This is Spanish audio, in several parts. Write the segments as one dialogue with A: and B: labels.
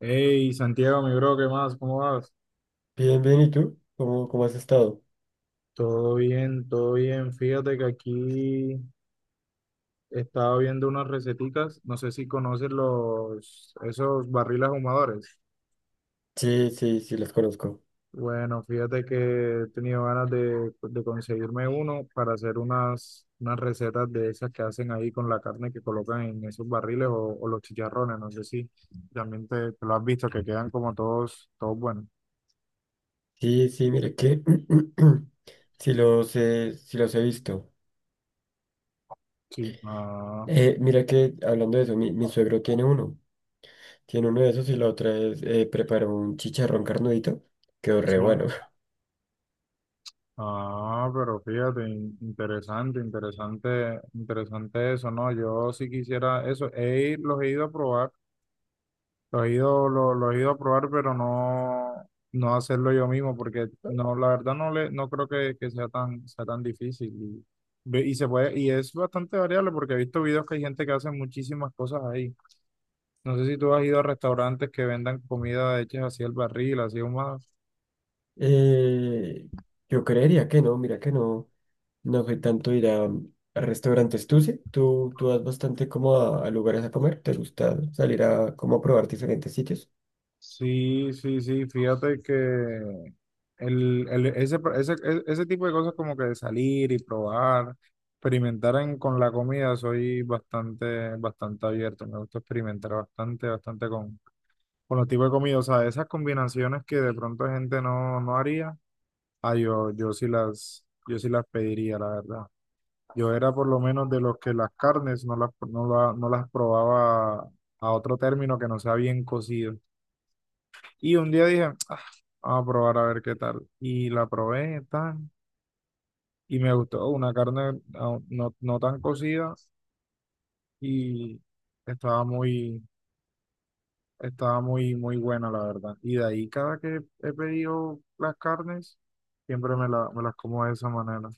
A: Hey, Santiago, mi bro, ¿qué más? ¿Cómo vas?
B: Bien, bien, ¿y tú? ¿¿Cómo has estado?
A: Todo bien, todo bien. Fíjate que aquí estaba viendo unas receticas. No sé si conoces esos barriles ahumadores.
B: Sí, sí, sí, los conozco.
A: Bueno, fíjate que he tenido ganas de conseguirme uno para hacer unas recetas de esas que hacen ahí con la carne que colocan en esos barriles o los chicharrones. No sé si también te lo has visto, que quedan como todos buenos.
B: Sí, sí, mira que sí los he visto.
A: Sí, ah,
B: Mira que hablando de eso, mi suegro tiene uno. Tiene uno de esos y la otra vez preparó un chicharrón carnudito. Quedó re bueno.
A: sí. Ah, pero fíjate, interesante, interesante, interesante eso, ¿no? Yo sí quisiera eso, los he ido a probar, los he ido, lo- los, he ido a probar, pero no, no hacerlo yo mismo, porque no, la verdad no creo que sea sea tan difícil. Y se puede, y es bastante variable, porque he visto videos que hay gente que hace muchísimas cosas ahí. No sé si tú has ido a restaurantes que vendan comida hechas así al barril, así más.
B: Eh, yo creería que no, mira que no. No soy tanto ir a restaurantes. ¿Tú sí? ¿Tú vas bastante como a lugares a comer? ¿Te gusta salir a como a probar diferentes sitios?
A: Sí, sí, sí, fíjate que ese tipo de cosas como que de salir y probar, experimentar con la comida, soy bastante, bastante abierto, me gusta experimentar bastante, bastante con los tipos de comida, o sea, esas combinaciones que de pronto gente no haría, ah, yo sí yo sí las pediría, la verdad. Yo era por lo menos de los que las carnes no las probaba a otro término que no sea bien cocido. Y un día dije, "Ah, vamos a probar a ver qué tal. Y la probé, tan, y me gustó. Una carne ah, no, no tan cocida y estaba muy, estaba muy, muy buena, la verdad. Y de ahí, cada que he pedido las carnes, siempre me las como de esa manera.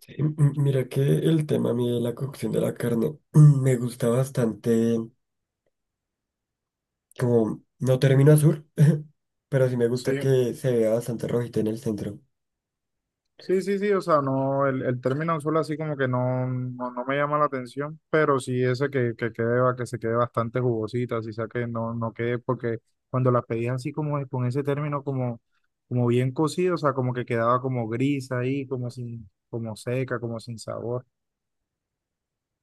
B: Sí, mira que el tema a mí de la cocción de la carne mm, me gusta bastante, como no termino azul, pero sí me gusta
A: Sí,
B: que se vea bastante rojita en el centro.
A: sí, sí, sí, o sea, no, el término solo así como que no, no, no me llama la atención, pero sí ese que quede, que se quede bastante jugosita, así sea que no, no quede, porque cuando la pedías así con ese término como, como bien cocido, o sea, como que quedaba como gris ahí, como sin, como seca, como sin sabor,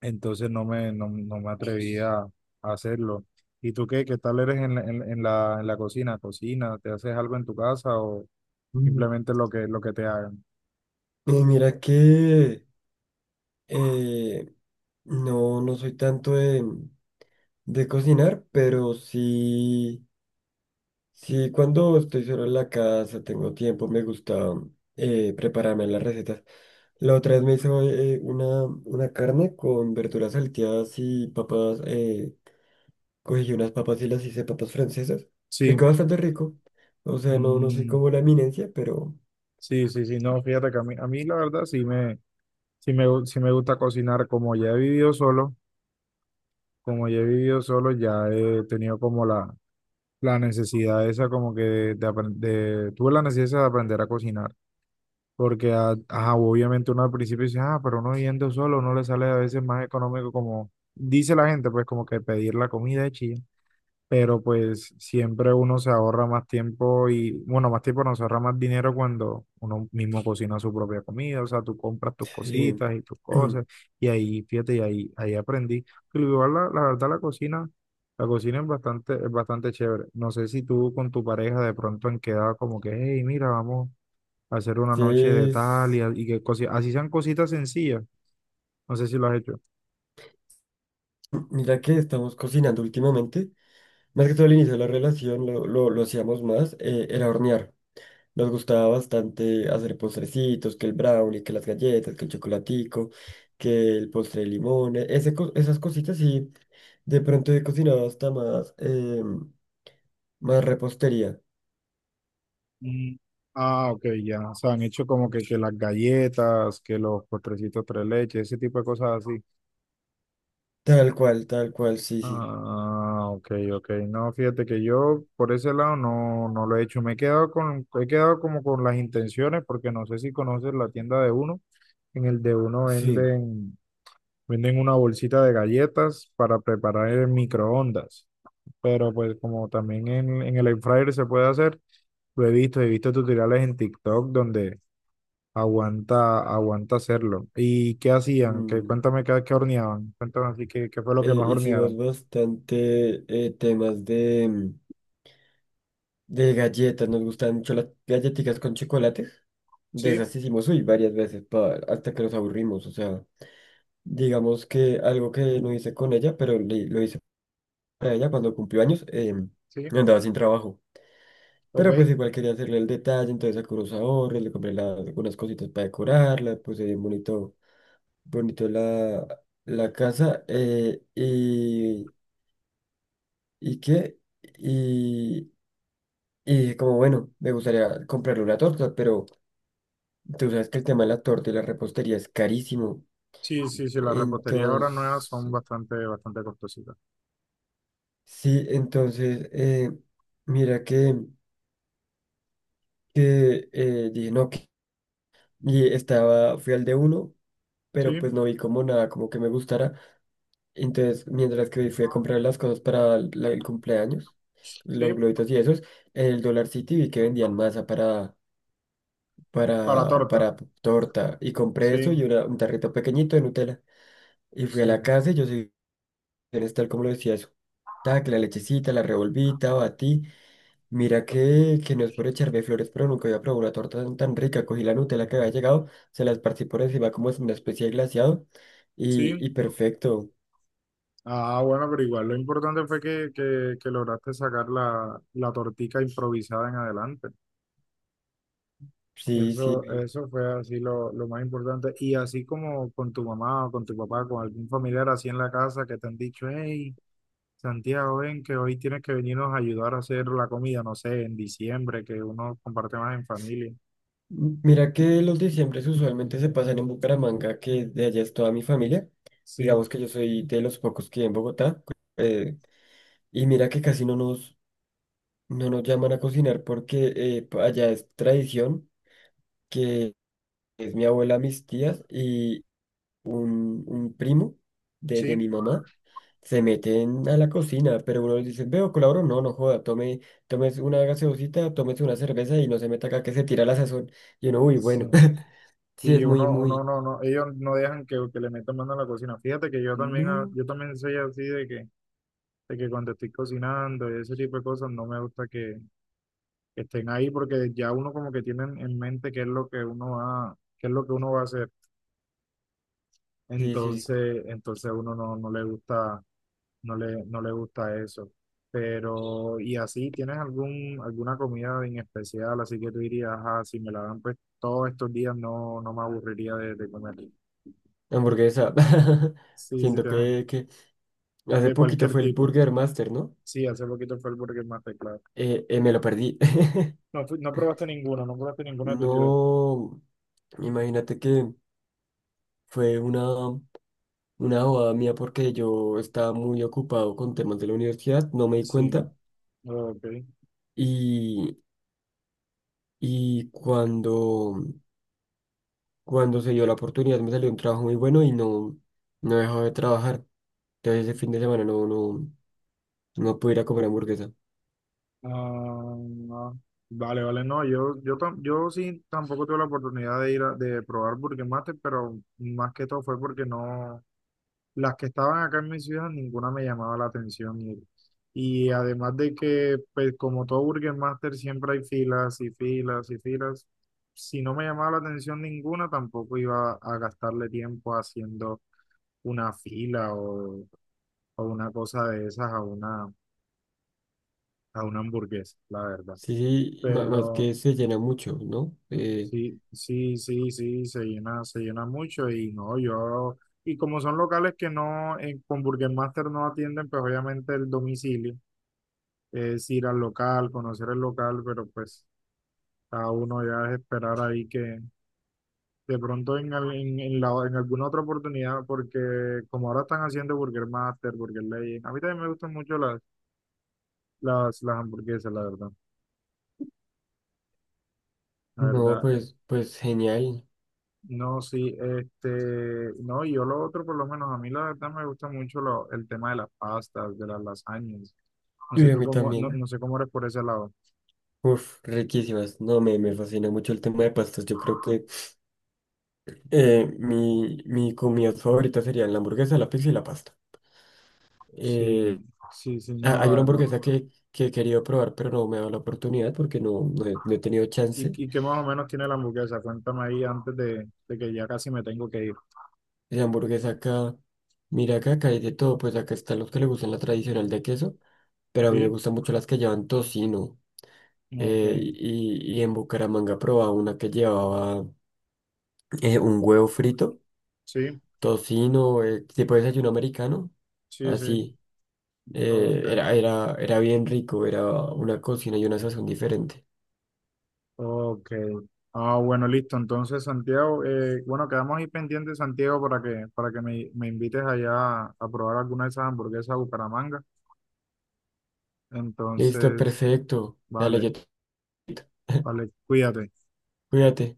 A: entonces no me atrevía a hacerlo. ¿Y tú qué tal eres en la cocina? ¿Cocina? ¿Te haces algo en tu casa o
B: Mm.
A: simplemente lo que te hagan?
B: Y mira que eh, no, no soy tanto de cocinar, pero sí cuando estoy solo en la casa, tengo tiempo, me gusta prepararme las recetas. La otra vez me hizo una carne con verduras salteadas y papas. Cogí unas papas y las hice papas francesas. Me quedó
A: Sí.
B: bastante rico. O sea, no, no soy
A: Mm,
B: como la eminencia, pero
A: sí, sí, sí, no, fíjate que a mí la verdad sí me, sí me gusta cocinar, como ya he vivido solo, como ya he vivido solo, ya he tenido como la necesidad esa como que tuve la necesidad de aprender a cocinar, porque ajá, obviamente uno al principio dice, ah, pero uno yendo solo, no le sale a veces más económico como dice la gente, pues como que pedir la comida de pero pues siempre uno se ahorra más tiempo y, bueno, más tiempo no se ahorra más dinero cuando uno mismo cocina su propia comida, o sea, tú compras tus
B: sí.
A: cositas y tus cosas, y ahí, fíjate, ahí aprendí. Pero igual la verdad la cocina es bastante chévere. No sé si tú con tu pareja de pronto han quedado como que, hey, mira, vamos a hacer una
B: Sí,
A: noche de tal
B: es-
A: y que cosi-, así sean cositas sencillas. No sé si lo has hecho.
B: Mira que estamos cocinando últimamente. Más que todo al inicio de la relación lo hacíamos más, era hornear. Nos gustaba bastante hacer postrecitos, que el brownie, que las galletas, que el chocolatico, que el postre de limón, esas cositas y de pronto he cocinado hasta más, más repostería.
A: Mm, ah, ok, ya. O sea, han hecho como que las galletas, que los postrecitos tres leches, ese tipo de cosas así.
B: Tal cual, sí, sí.
A: Ah, ok, ok. No, fíjate que yo por ese lado no, no lo he hecho. Me he quedado con, he quedado como con las intenciones, porque no sé si conoces la tienda de uno. En el de uno
B: Sí.
A: venden, venden una bolsita de galletas para preparar en microondas. Pero pues como también en el air fryer se puede hacer, lo he visto tutoriales en TikTok donde aguanta, aguanta hacerlo. ¿Y qué hacían? Que
B: mm,
A: cuéntame qué horneaban. Cuéntame así qué fue lo que más
B: Hicimos
A: hornearon.
B: bastante temas de galletas, nos gustaban mucho las galletitas con chocolate. De
A: Sí,
B: esas hicimos, uy, varias veces hasta que nos aburrimos, o sea. Digamos que algo que no hice con ella, pero lo hice para ella cuando cumplió años,
A: sí,
B: andaba sin trabajo. Pero pues
A: ok.
B: igual quería hacerle el detalle, entonces saqué unos ahorros, le compré algunas cositas para decorarla, puse bien bonito, bonito la casa, y qué, y, y dije como bueno, me gustaría comprarle una torta, pero tú sabes que el tema de la torta y la repostería es carísimo.
A: Sí, sí, sí, las reposterías ahora nuevas
B: Entonces,
A: son bastante, bastante costositas.
B: sí, entonces, mira que dije, no, que... Y estaba, fui al de uno, pero
A: Sí,
B: pues no vi como nada, como que me gustara. Entonces, mientras que fui a comprar las cosas para el cumpleaños, los
A: sí,
B: globitos y esos, en el Dollar City vi que vendían masa
A: para torta.
B: para torta. Y compré
A: Sí,
B: eso y un tarrito pequeñito de Nutella. Y fui a la
A: sí,
B: casa y yo soy tal como lo decía eso. Ta, que la lechecita, la revolvita, batí. Mira que no es por echarme flores, pero nunca había probado una torta tan, tan rica. Cogí la Nutella que había llegado, se la esparcí por encima como es una especie de glaseado
A: sí.
B: y perfecto.
A: Ah, bueno, pero igual lo importante fue que lograste sacar la tortica improvisada en adelante.
B: Sí,
A: Eso,
B: sí.
A: eso fue así lo más importante. Y así como con tu mamá o con tu papá, con algún familiar así en la casa que te han dicho, hey, Santiago, ven que hoy tienes que venirnos a ayudar a hacer la comida, no sé, en diciembre, que uno comparte más en familia.
B: Mira que los diciembres usualmente se pasan en Bucaramanga, que de allá es toda mi familia.
A: Sí,
B: Digamos que yo soy de los pocos que en Bogotá. eh, y mira que casi no nos, no nos llaman a cocinar porque allá es tradición que es mi abuela, mis tías, un primo
A: sí,
B: de mi mamá, se meten a la cocina, pero uno les dice, veo, colaboro, no, no joda, tome, tomes una gaseosita, tomes una cerveza y no se meta acá que se tira la sazón. Y uno, uy,
A: sí.
B: bueno, sí,
A: Y
B: es muy,
A: uno, uno,
B: muy,
A: no, no, ellos no dejan que le metan mano a la cocina. Fíjate que yo también, ah,
B: no,
A: yo también soy así de que cuando estoy cocinando y ese tipo de cosas, no me gusta que estén ahí porque ya uno como que tiene en mente qué es lo que uno va, qué es lo que uno va a hacer.
B: sí, sí,
A: Entonces, entonces a uno no, no le gusta, no le gusta eso. Pero, y así, ¿tienes algún, alguna comida en especial? Así que tú dirías, ah, si me la dan pues todos estos días no, no me aburriría de comer.
B: hamburguesa.
A: Sí, sí,
B: Siento
A: te dan,
B: que hace
A: de
B: poquito
A: cualquier
B: fue el
A: tipo.
B: Burger Master, ¿no?
A: Sí, hace poquito fue el Burger Master, claro.
B: Me lo perdí.
A: No, no probaste ninguno, no probaste ninguno de tu ciudad.
B: No, imagínate que fue una. Una boda mía porque yo estaba muy ocupado con temas de la universidad, no me di
A: Sí,
B: cuenta
A: ok.
B: y, y cuando, cuando se dio la oportunidad me salió un trabajo muy bueno y no, no he dejado de trabajar. Entonces ese fin de semana no pude ir a comer hamburguesa.
A: Ah, no. Vale, vale, no, yo, yo sí tampoco tuve la oportunidad de ir a, de probar Burger Master, pero más que todo fue porque no, las que estaban acá en mi ciudad, ninguna me llamaba la atención y además de que, pues como todo Burger Master, siempre hay filas y filas y filas, si no me llamaba la atención ninguna, tampoco iba a gastarle tiempo haciendo una fila o una cosa de esas a una hamburguesa, la verdad.
B: Sí, sí, más
A: Pero
B: que se llena mucho, ¿no?
A: sí, sí, sí, sí, se llena mucho y no, yo, y como son locales que no, con Burger Master no atienden, pues obviamente el domicilio, es ir al local, conocer el local, pero pues cada uno ya es esperar ahí que de pronto en, al- en la- en alguna otra oportunidad, porque como ahora están haciendo Burger Master, Burger Legend, a mí también me gustan mucho las, las hamburguesas, la verdad, la
B: No,
A: verdad.
B: pues, pues genial.
A: No, sí, este, no, y yo lo otro, por lo menos, a mí la verdad me gusta mucho el tema de las pastas, de las lasañas. No sé
B: Y a
A: tú
B: mí
A: cómo, no, no
B: también.
A: sé cómo eres por ese lado.
B: Uf, riquísimas. No, me fascina mucho el tema de pastas. Yo creo que mi comida favorita sería la hamburguesa, la pizza y la pasta. Eh,
A: Sí, sí, sí, no,
B: Hay
A: la
B: una
A: verdad.
B: hamburguesa que he querido probar, pero no me ha dado la oportunidad porque no, no he tenido chance.
A: Y qué más o menos tiene la hamburguesa? Cuéntame ahí antes de que ya casi me tengo que ir.
B: La hamburguesa acá, mira acá, acá hay de todo, pues acá están los que le gustan la tradicional de queso, pero a mí me
A: Sí,
B: gustan mucho las que llevan tocino.
A: ok,
B: Y en Bucaramanga probaba una que llevaba un huevo frito,
A: sí,
B: tocino, tipo desayuno americano,
A: sí, sí,
B: así.
A: ok,
B: Era bien rico, era una cocina y una sazón diferente.
A: ok. Ah, bueno, listo. Entonces, Santiago, bueno, quedamos ahí pendientes, Santiago, para que me invites allá a probar alguna de esas hamburguesas de Bucaramanga.
B: Listo,
A: Entonces,
B: perfecto. Dale,
A: vale,
B: yo te-
A: vale, cuídate.
B: cuídate.